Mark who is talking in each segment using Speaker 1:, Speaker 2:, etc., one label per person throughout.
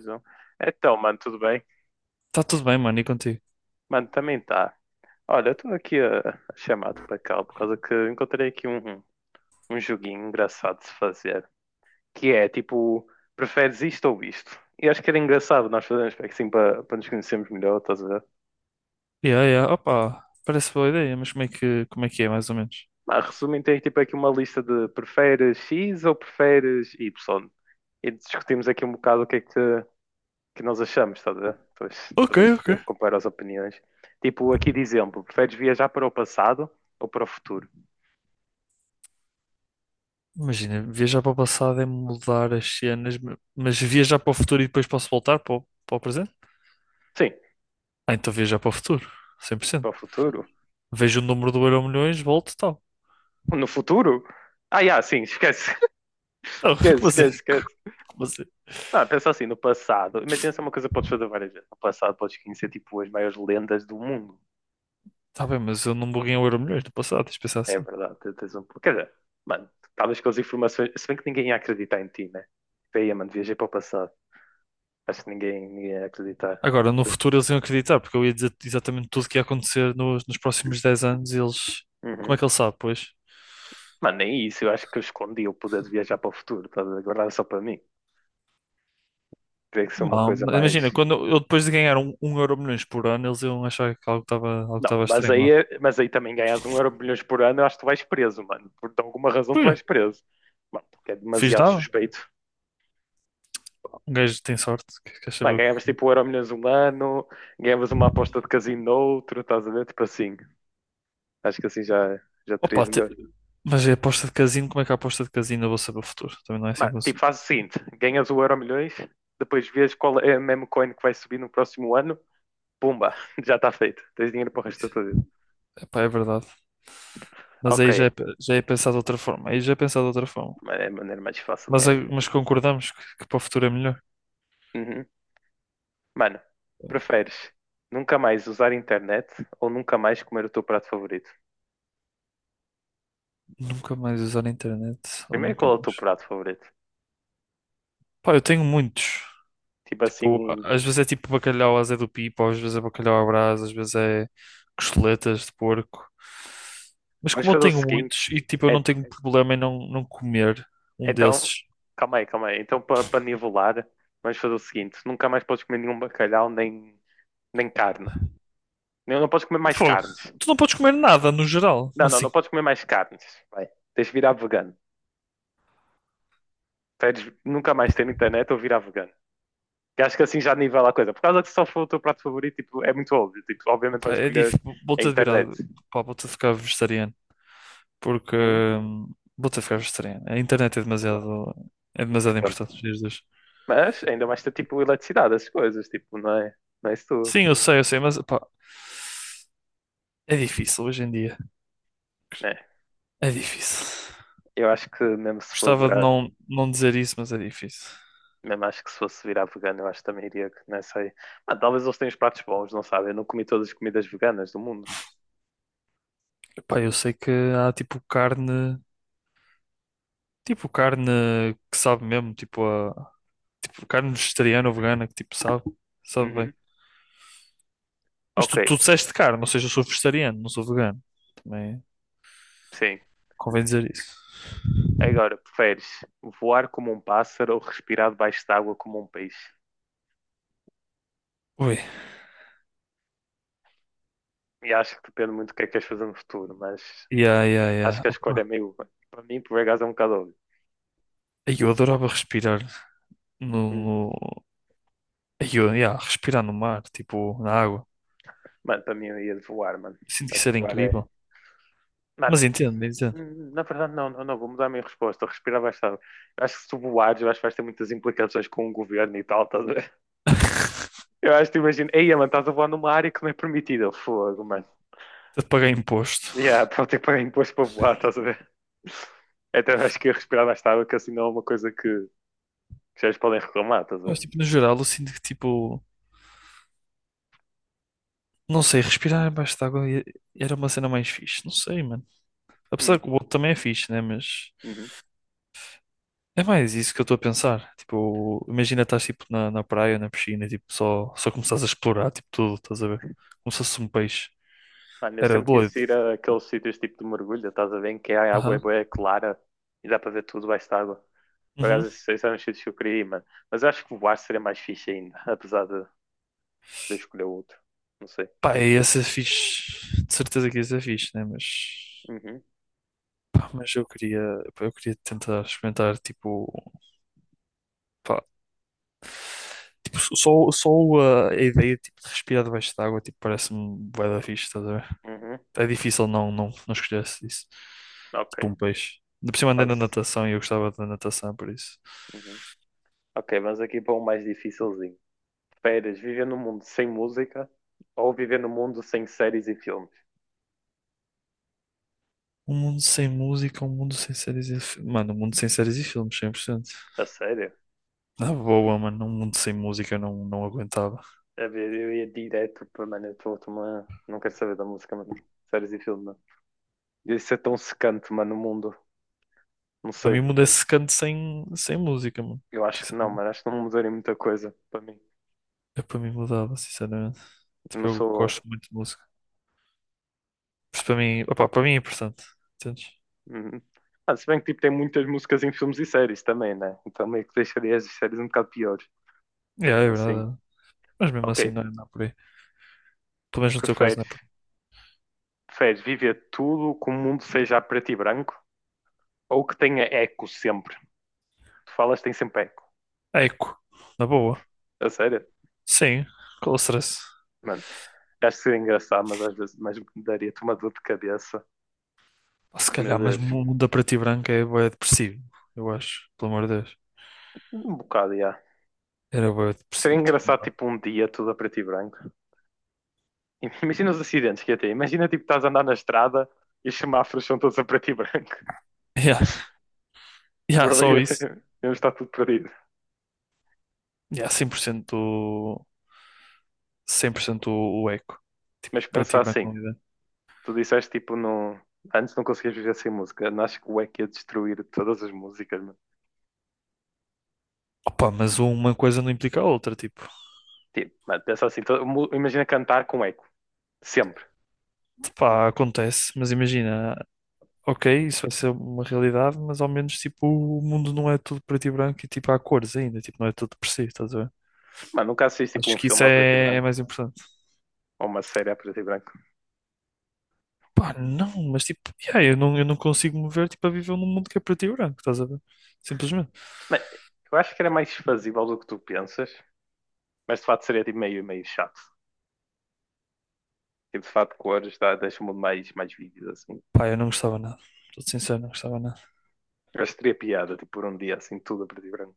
Speaker 1: Zoom. Então, mano, tudo bem?
Speaker 2: Tá tudo bem, mano, e contigo?
Speaker 1: Mano, também tá. Olha, eu estou aqui a chamar-te para cá por causa que encontrei aqui um joguinho engraçado de se fazer. Que é tipo, preferes isto ou isto? E acho que era engraçado nós fazermos assim para nos conhecermos melhor, estás a ver?
Speaker 2: Yeah, yeah, opa, parece boa ideia, mas como é que é, mais ou menos?
Speaker 1: Mas resumindo, tem tipo aqui uma lista de preferes X ou preferes Y. E discutimos aqui um bocado o que é que nós achamos, estás a ver? Talvez,
Speaker 2: Ok,
Speaker 1: talvez
Speaker 2: ok.
Speaker 1: comparar as opiniões. Tipo, aqui de exemplo, preferes viajar para o passado ou para o futuro?
Speaker 2: Imagina, viajar para o passado é mudar as cenas, mas viajar para o futuro e depois posso voltar para o presente?
Speaker 1: Sim,
Speaker 2: Ah, então viajar para o futuro, cem por
Speaker 1: para
Speaker 2: cento
Speaker 1: o futuro.
Speaker 2: Vejo o número do Euromilhões, volto, e tal.
Speaker 1: No futuro? Ah, yeah, sim, esquece,
Speaker 2: Não, como
Speaker 1: esquece,
Speaker 2: assim?
Speaker 1: esquece, esquece.
Speaker 2: Como assim?
Speaker 1: Não, pensa assim, no passado, imagina se é uma coisa que podes fazer várias vezes. No passado podes conhecer tipo as maiores lendas do mundo.
Speaker 2: Tá bem, mas eu não buguei o Euromilhões no passado, tens de pensar
Speaker 1: É
Speaker 2: assim.
Speaker 1: verdade, tu tens um. Quer dizer, mano, estavas com as informações. Se bem que ninguém ia acreditar em ti, né? Tipo, aí, mano, viajei para o passado. Acho que ninguém ia acreditar.
Speaker 2: Agora, no futuro eles iam acreditar, porque eu ia dizer exatamente tudo o que ia acontecer nos próximos 10 anos e eles. Como é
Speaker 1: Uhum.
Speaker 2: que ele sabe, pois?
Speaker 1: Mano, nem isso, eu acho que eu escondi o poder de viajar para o futuro, tá a ver? Só para mim. Teria que ser uma
Speaker 2: Ah,
Speaker 1: coisa mais.
Speaker 2: imagina, quando eu depois de ganhar um euro milhões por ano, eles iam achar que algo estava algo
Speaker 1: Não,
Speaker 2: estava
Speaker 1: mas
Speaker 2: estranho
Speaker 1: aí,
Speaker 2: lá.
Speaker 1: mas aí também ganhas um euro milhões por ano, eu acho que tu vais preso, mano. Por alguma razão tu
Speaker 2: Olha,
Speaker 1: vais preso. Mano, porque é
Speaker 2: fiz
Speaker 1: demasiado
Speaker 2: nada.
Speaker 1: suspeito.
Speaker 2: Um gajo tem sorte. Quer saber
Speaker 1: Mano,
Speaker 2: o
Speaker 1: ganhavas
Speaker 2: que
Speaker 1: tipo um
Speaker 2: é.
Speaker 1: euro milhões um ano, ganhavas uma aposta de casino no outro, estás a ver? Tipo assim. Acho que assim já terias
Speaker 2: Opa,
Speaker 1: melhor.
Speaker 2: mas é aposta de casino. Como é que é a aposta de casino eu vou saber o futuro? Também não é assim
Speaker 1: Mano,
Speaker 2: que
Speaker 1: tipo,
Speaker 2: consigo.
Speaker 1: faz o seguinte: ganhas o euro milhões, depois vês qual é a meme coin que vai subir no próximo ano, pumba, já está feito. Tens dinheiro para o resto da tua vida.
Speaker 2: Epá, é verdade. Mas
Speaker 1: Ok,
Speaker 2: aí já é pensado de outra forma. Aí já é pensado de outra forma.
Speaker 1: mano, é a maneira mais fácil de
Speaker 2: Mas,
Speaker 1: ganhar
Speaker 2: aí-
Speaker 1: dinheiro.
Speaker 2: mas concordamos que para o futuro é melhor.
Speaker 1: Uhum. Mano, preferes nunca mais usar internet ou nunca mais comer o teu prato favorito?
Speaker 2: Nunca mais usar a internet. Ou
Speaker 1: Primeiro,
Speaker 2: nunca
Speaker 1: qual é o teu
Speaker 2: mais.
Speaker 1: prato favorito?
Speaker 2: Pá, eu tenho muitos.
Speaker 1: Tipo assim,
Speaker 2: Tipo, às vezes é tipo bacalhau à Zé do Pipo, às vezes é bacalhau à Brás, às vezes é costeletas de porco. Mas
Speaker 1: vamos
Speaker 2: como eu
Speaker 1: fazer o
Speaker 2: tenho
Speaker 1: seguinte.
Speaker 2: muitos e tipo, eu não
Speaker 1: É-
Speaker 2: tenho problema em não comer um
Speaker 1: então,
Speaker 2: desses.
Speaker 1: calma aí, calma aí. Então, para nivelar, vamos fazer o seguinte: nunca mais podes comer nenhum bacalhau nem carne. Não, não podes comer mais
Speaker 2: Pô,
Speaker 1: carnes.
Speaker 2: tu não podes comer nada no geral,
Speaker 1: Não,
Speaker 2: mas
Speaker 1: não, não
Speaker 2: assim,
Speaker 1: podes comer mais carnes. Vai. Tens de virar vegano. Tens de nunca mais ter internet ou virar vegano. Que acho que assim já nivela a coisa. Por causa que se só for o teu prato favorito, tipo, é muito óbvio. Tipo, obviamente
Speaker 2: opá,
Speaker 1: vais
Speaker 2: é
Speaker 1: escolher
Speaker 2: difícil.
Speaker 1: a
Speaker 2: Vou-te a virar,
Speaker 1: internet.
Speaker 2: pá, vou-te a ficar vegetariano, porque
Speaker 1: Hum,
Speaker 2: vou-te a ficar vegetariano. A internet é
Speaker 1: claro,
Speaker 2: demasiado
Speaker 1: portanto.
Speaker 2: importante nos dias de hoje.
Speaker 1: Mas ainda mais ter tipo eletricidade, as coisas, tipo, não é isso tudo.
Speaker 2: Sim, eu sei, mas pá, é difícil hoje em dia.
Speaker 1: É.
Speaker 2: É difícil.
Speaker 1: Eu acho que mesmo se for
Speaker 2: Gostava de
Speaker 1: virar,
Speaker 2: não dizer isso, mas é difícil.
Speaker 1: mesmo acho que se fosse virar vegano, eu acho que também iria, que não sei. Ah, talvez eles tenham os pratos bons, não sabem? Eu não comi todas as comidas veganas do mundo.
Speaker 2: Epá, eu sei que há tipo carne que sabe mesmo, tipo, a, tipo carne vegetariana ou vegana que tipo sabe
Speaker 1: Uhum.
Speaker 2: bem. Mas
Speaker 1: Ok,
Speaker 2: tu disseste carne, ou seja, eu sou vegetariano, não sou vegano. Também
Speaker 1: sim.
Speaker 2: convém dizer isso.
Speaker 1: Agora, preferes voar como um pássaro ou respirar debaixo de água como um peixe?
Speaker 2: Ui,
Speaker 1: E acho que depende muito do que é que queres fazer no futuro, mas
Speaker 2: yeah, yeah,
Speaker 1: acho
Speaker 2: yeah.
Speaker 1: que a escolha é
Speaker 2: Opa.
Speaker 1: meio. Para mim, por acaso é um bocado óbvio.
Speaker 2: Ai, eu adorava respirar no,
Speaker 1: Hum.
Speaker 2: no. Ai, eu, yeah, respirar no mar, tipo, na água.
Speaker 1: Mano, para mim eu ia de voar, mano.
Speaker 2: Sinto que
Speaker 1: Mas
Speaker 2: isso
Speaker 1: de
Speaker 2: era
Speaker 1: voar é.
Speaker 2: incrível.
Speaker 1: Mano.
Speaker 2: Mas entendo, entendo.
Speaker 1: Na verdade, não, não, não, vou mudar a minha resposta. Respirar baixado. Acho que se tu voares, eu acho que vais ter muitas implicações com o governo e tal, estás a ver? Eu acho que imagino, ei, mano, estás a voar numa área que não é permitida. Fogo, mano.
Speaker 2: Até de pagar imposto.
Speaker 1: Yeah, para ter que pagar imposto para voar, estás a ver? Então eu acho que ia respirar baixado, que assim não é uma coisa que vocês podem reclamar, estás a
Speaker 2: Mas,
Speaker 1: ver?
Speaker 2: tipo, no geral, eu sinto que, tipo, não sei, respirar abaixo de água era uma cena mais fixe. Não sei, mano. Apesar
Speaker 1: Hum,
Speaker 2: que o outro também é fixe, né? Mas
Speaker 1: uhum.
Speaker 2: é mais isso que eu estou a pensar. Tipo, imagina estás tipo na praia, na piscina, e, tipo, só começares a explorar, tipo, tudo, estás a ver? Como se fosse um peixe.
Speaker 1: Mano, eu
Speaker 2: Era
Speaker 1: sempre
Speaker 2: doido.
Speaker 1: quis ir a aqueles sítios tipo de mergulho, estás a ver? Em que a água é
Speaker 2: Aham.
Speaker 1: bué clara e dá para ver tudo baixo d'água. Por acaso,
Speaker 2: Uhum.
Speaker 1: esses eram os sítios que eu queria ir, mano. Mas eu acho que voar seria mais fixe ainda, apesar de escolher outro. Não sei.
Speaker 2: Pá, e essa é fixe. De certeza que essa ser fixe, né? Mas,
Speaker 1: Uhum,
Speaker 2: pá, mas eu queria, pá, eu queria tentar experimentar, tipo, pá, tipo, só a ideia tipo, de respirar debaixo d'água, tipo, parece-me bué da fixe, estás a ver?
Speaker 1: uhum,
Speaker 2: É difícil não, não, não escolhesse isso. Tipo
Speaker 1: ok.
Speaker 2: um peixe. Ainda por cima andei na
Speaker 1: Mas-
Speaker 2: natação e eu gostava da natação, por isso.
Speaker 1: uhum. Ok, vamos aqui para um mais dificilzinho. Férias, viver num mundo sem música ou viver num mundo sem séries e filmes?
Speaker 2: Um mundo sem música, um mundo sem séries e filmes. Mano, um mundo sem séries e filmes, 100%.
Speaker 1: A sério?
Speaker 2: Na boa, mano, um mundo sem música eu não, não aguentava.
Speaker 1: A ver, eu ia direto para, mano, eu tô, mano, não quero saber da música, mano. Séries e filmes, mano. Isso é tão secante, mano, no mundo. Não
Speaker 2: Para
Speaker 1: sei.
Speaker 2: mim, mudar esse canto sem, sem música, mano.
Speaker 1: Eu acho que não,
Speaker 2: Sinceramente.
Speaker 1: mano. Acho que não mudaria muita coisa para mim.
Speaker 2: Eu para mim mudava, sinceramente.
Speaker 1: Eu
Speaker 2: Tipo,
Speaker 1: não
Speaker 2: eu
Speaker 1: sou.
Speaker 2: gosto muito de música. Por isso, para mim, opá, para mim é importante. Entendes?
Speaker 1: Uhum. Ah, se bem que tipo, tem muitas músicas em filmes e séries também, né? Então meio que deixaria as séries um bocado piores.
Speaker 2: Yeah, É
Speaker 1: Mesmo
Speaker 2: é
Speaker 1: assim.
Speaker 2: verdade. Mas mesmo assim,
Speaker 1: Ok.
Speaker 2: não é, não é por aí. Pelo menos no teu caso,
Speaker 1: Preferes,
Speaker 2: não é por
Speaker 1: preferes viver tudo que o mundo seja a preto e branco ou que tenha eco sempre? Tu falas tem sempre eco.
Speaker 2: aí. É Eco, na boa.
Speaker 1: A sério?
Speaker 2: Sim, com stress.
Speaker 1: Mano, acho que seria engraçado, mas às vezes mas daria-te uma dor de cabeça.
Speaker 2: Ah, Se
Speaker 1: Que meu
Speaker 2: calhar, mas
Speaker 1: Deus.
Speaker 2: muda para ti branco é bué depressivo, eu acho, pelo amor de Deus.
Speaker 1: Um bocado, já.
Speaker 2: Era bué
Speaker 1: Seria
Speaker 2: depressivo, tipo, não
Speaker 1: engraçado,
Speaker 2: dá.
Speaker 1: tipo, um dia tudo a preto e branco. Imagina os acidentes que ia ter. Imagina, tipo, estás a andar na estrada e os semáforos são todos a preto e branco.
Speaker 2: Yeah, yeah,
Speaker 1: Bro,
Speaker 2: só
Speaker 1: ia,
Speaker 2: isso.
Speaker 1: ia estar tudo perdido.
Speaker 2: Yeah, 100% o, 100% o eco. Tipo,
Speaker 1: Mas
Speaker 2: para ti
Speaker 1: pensar
Speaker 2: branco
Speaker 1: assim,
Speaker 2: não dá.
Speaker 1: tu disseste, tipo, não... antes não conseguias viver sem música. Não acho que o eco ia destruir todas as músicas, mano.
Speaker 2: Opa, mas uma coisa não implica a outra, tipo,
Speaker 1: Tipo, mano, pensa assim, imagina cantar com eco, sempre.
Speaker 2: pá, acontece, mas imagina, ok, isso vai ser uma realidade, mas ao menos, tipo, o mundo não é tudo preto e branco e, tipo, há cores ainda, tipo, não é tudo depressivo, estás a ver?
Speaker 1: Mano, nunca assististe, tipo,
Speaker 2: Acho
Speaker 1: um
Speaker 2: que isso
Speaker 1: filme a preto e
Speaker 2: é
Speaker 1: branco,
Speaker 2: mais importante.
Speaker 1: ou uma série a preto e branco.
Speaker 2: Pá, não, mas tipo, yeah, eu não consigo me ver tipo, a viver num mundo que é preto e branco, estás a ver? Simplesmente.
Speaker 1: Mano, eu acho que era mais fazível do que tu pensas, mas de facto seria, tipo, meio, meio chato. Tipo, de facto, cores dá, deixa o mundo mais vívido, assim.
Speaker 2: Pá, eu não gostava nada. Estou sincero, não gostava nada.
Speaker 1: Eu acho que teria piada, tipo, por um dia, assim, tudo a preto e branco.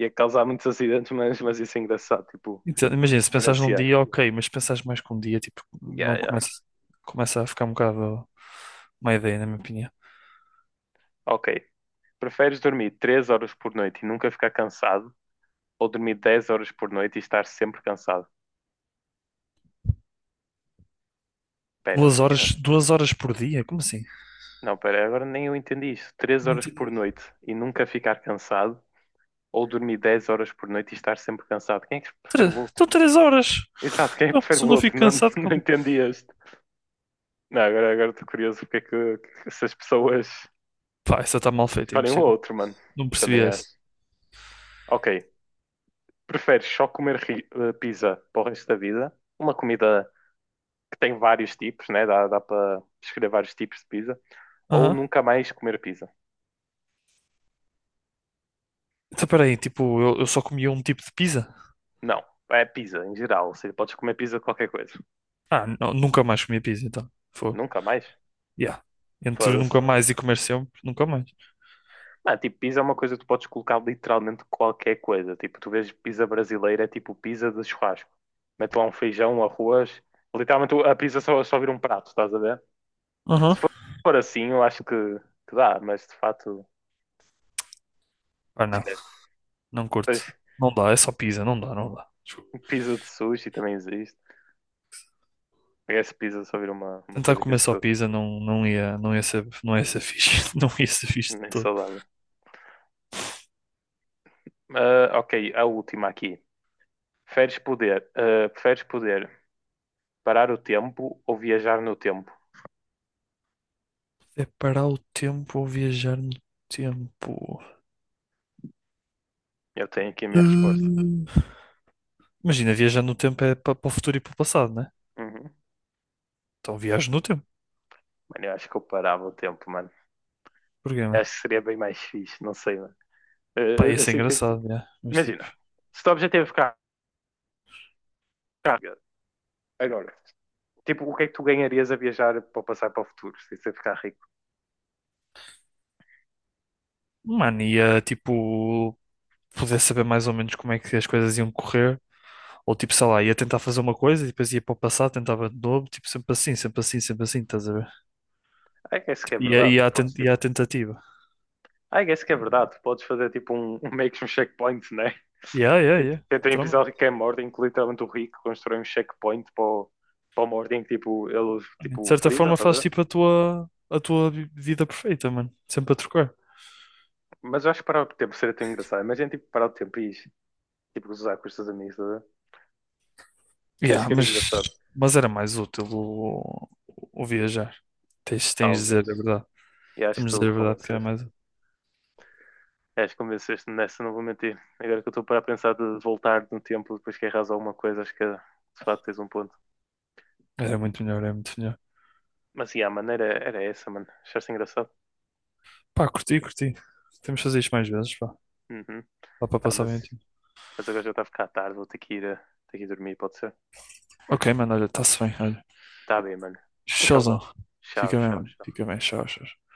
Speaker 1: Ia causar muitos acidentes, mas isso é engraçado, tipo,
Speaker 2: Então, imagina, se pensares num
Speaker 1: diferenciar.
Speaker 2: dia, ok, mas se pensares mais que um dia, tipo,
Speaker 1: Yeah,
Speaker 2: não
Speaker 1: yeah.
Speaker 2: começa, começa a ficar um bocado uma ideia, na minha opinião.
Speaker 1: Ok. Preferes dormir 3 horas por noite e nunca ficar cansado ou dormir 10 horas por noite e estar sempre cansado? Pera, o
Speaker 2: Duas
Speaker 1: quê?
Speaker 2: horas, 2 horas por dia? Como assim?
Speaker 1: Não, pera, agora nem eu entendi isso. 3
Speaker 2: Não
Speaker 1: horas por
Speaker 2: entendi.
Speaker 1: noite e nunca ficar cansado ou dormir 10 horas por noite e estar sempre cansado? Quem é que prefere o outro?
Speaker 2: Então 3 horas.
Speaker 1: Exato, quem é que
Speaker 2: Então,
Speaker 1: prefere
Speaker 2: se
Speaker 1: o
Speaker 2: eu não
Speaker 1: outro?
Speaker 2: fico
Speaker 1: Não,
Speaker 2: cansado,
Speaker 1: não
Speaker 2: como?
Speaker 1: entendi este. Não, agora estou curioso porque é que essas pessoas
Speaker 2: Pá, essa está mal feito é
Speaker 1: escolhem o
Speaker 2: impossível.
Speaker 1: outro, mano.
Speaker 2: Não percebi
Speaker 1: Também
Speaker 2: essa.
Speaker 1: acho. Ok. Preferes só comer pizza para o resto da vida? Uma comida que tem vários tipos, né? Dá para escolher vários tipos de pizza. Ou
Speaker 2: Aham.
Speaker 1: nunca mais comer pizza.
Speaker 2: Então peraí, tipo, eu só comia um tipo de pizza?
Speaker 1: Não, é pizza em geral. Ou seja, podes comer pizza de qualquer coisa.
Speaker 2: Ah, não, nunca mais comia pizza, então. Foi.
Speaker 1: Nunca mais?
Speaker 2: Yeah. Entre
Speaker 1: Foda-se.
Speaker 2: nunca mais e comer sempre, nunca mais.
Speaker 1: Mano, tipo, pizza é uma coisa que tu podes colocar literalmente qualquer coisa. Tipo, tu vês pizza brasileira, é tipo pizza de churrasco. Mete lá um feijão, um arroz. Literalmente a pizza só vira um prato, estás a ver?
Speaker 2: Uhum.
Speaker 1: Se for assim, eu acho que dá, mas de fato,
Speaker 2: Ah, não.
Speaker 1: esquece.
Speaker 2: Não
Speaker 1: Depois,
Speaker 2: curto. Não dá, é só pizza, não dá, não dá. Desculpa.
Speaker 1: pizza de sushi também existe. Essa pizza só vira uma
Speaker 2: Tentar
Speaker 1: coisa que
Speaker 2: comer
Speaker 1: existe
Speaker 2: só pizza não ia, não ia ser fixe. Não ia ser fixe de
Speaker 1: nem
Speaker 2: todo.
Speaker 1: saudável. Ah, ok, a última aqui. Preferes poder parar o tempo ou viajar no tempo?
Speaker 2: É parar o tempo ou viajar no tempo?
Speaker 1: Eu tenho aqui a minha resposta.
Speaker 2: Hum. Imagina, viajar no tempo é para o futuro e para o passado, né?
Speaker 1: Uhum.
Speaker 2: Então viajo no tempo.
Speaker 1: Mano, eu acho que eu parava o tempo, mano.
Speaker 2: Porquê,
Speaker 1: Eu
Speaker 2: mano?
Speaker 1: acho que seria bem mais fixe, não sei, mano. Ah,
Speaker 2: Pá, ia
Speaker 1: ah,
Speaker 2: ser
Speaker 1: assim, tipo,
Speaker 2: engraçado, yeah. Mas tipo,
Speaker 1: imagina, se o teu objetivo é ficar rico, agora, tipo, o que é que tu ganharias a viajar para passar para o futuro, se você ficar rico?
Speaker 2: mano, ia tipo poder saber mais ou menos como é que as coisas iam correr. Ou tipo, sei lá, ia tentar fazer uma coisa e depois ia para o passado, tentava de novo, tipo, sempre assim, sempre assim, sempre assim, estás a ver?
Speaker 1: É que isso que
Speaker 2: Tipo,
Speaker 1: é
Speaker 2: ia,
Speaker 1: verdade, tu
Speaker 2: ia, à, ten-
Speaker 1: podes,
Speaker 2: ia à
Speaker 1: tipo,
Speaker 2: tentativa.
Speaker 1: I guess que é verdade. Tu podes fazer tipo um meio que um checkpoint, né?
Speaker 2: Yeah, yeah,
Speaker 1: E
Speaker 2: yeah.
Speaker 1: tem um episódio
Speaker 2: Literalmente.
Speaker 1: que é mordem, em que literalmente o Rick constrói um checkpoint para o mordem que tipo, ele
Speaker 2: De
Speaker 1: tipo,
Speaker 2: certa
Speaker 1: freeza,
Speaker 2: forma
Speaker 1: tá a
Speaker 2: fazes
Speaker 1: ver?
Speaker 2: tipo a tua vida perfeita, mano. Sempre a trocar.
Speaker 1: Mas eu acho que parar o tempo seria tão engraçado. Imagina tipo, parar o tempo e tipo, usar com os teus amigos, tá a ver? Acho
Speaker 2: Yeah,
Speaker 1: que era
Speaker 2: mas,
Speaker 1: engraçado,
Speaker 2: mas era mais útil o viajar. Tens de dizer
Speaker 1: talvez.
Speaker 2: a verdade.
Speaker 1: E acho que
Speaker 2: Temos de
Speaker 1: tu
Speaker 2: dizer a verdade que era
Speaker 1: convenceste.
Speaker 2: mais.
Speaker 1: Acho que convenceste nessa, não vou mentir. Agora que eu estou para pensar de voltar no tempo depois que erras alguma coisa, acho que de facto tens um ponto.
Speaker 2: Era muito melhor, era muito melhor.
Speaker 1: Mas sim, a maneira era essa, mano. Achaste engraçado?
Speaker 2: Pá, curti, curti. Temos de fazer isto mais vezes, pá.
Speaker 1: Uhum.
Speaker 2: Dá para
Speaker 1: Tá.
Speaker 2: passar
Speaker 1: mas
Speaker 2: bem o tempo.
Speaker 1: Mas agora já está a ficar tarde, vou ter que ir, eh, ter que ir dormir, pode ser?
Speaker 2: Ok, mano, olha, está-se bem, olha.
Speaker 1: Tá bem, mano. Tchauzão.
Speaker 2: Tchauzão.
Speaker 1: Tchau,
Speaker 2: Fica bem,
Speaker 1: tchau,
Speaker 2: mano.
Speaker 1: tchau.
Speaker 2: Fica bem, tchau, tchau.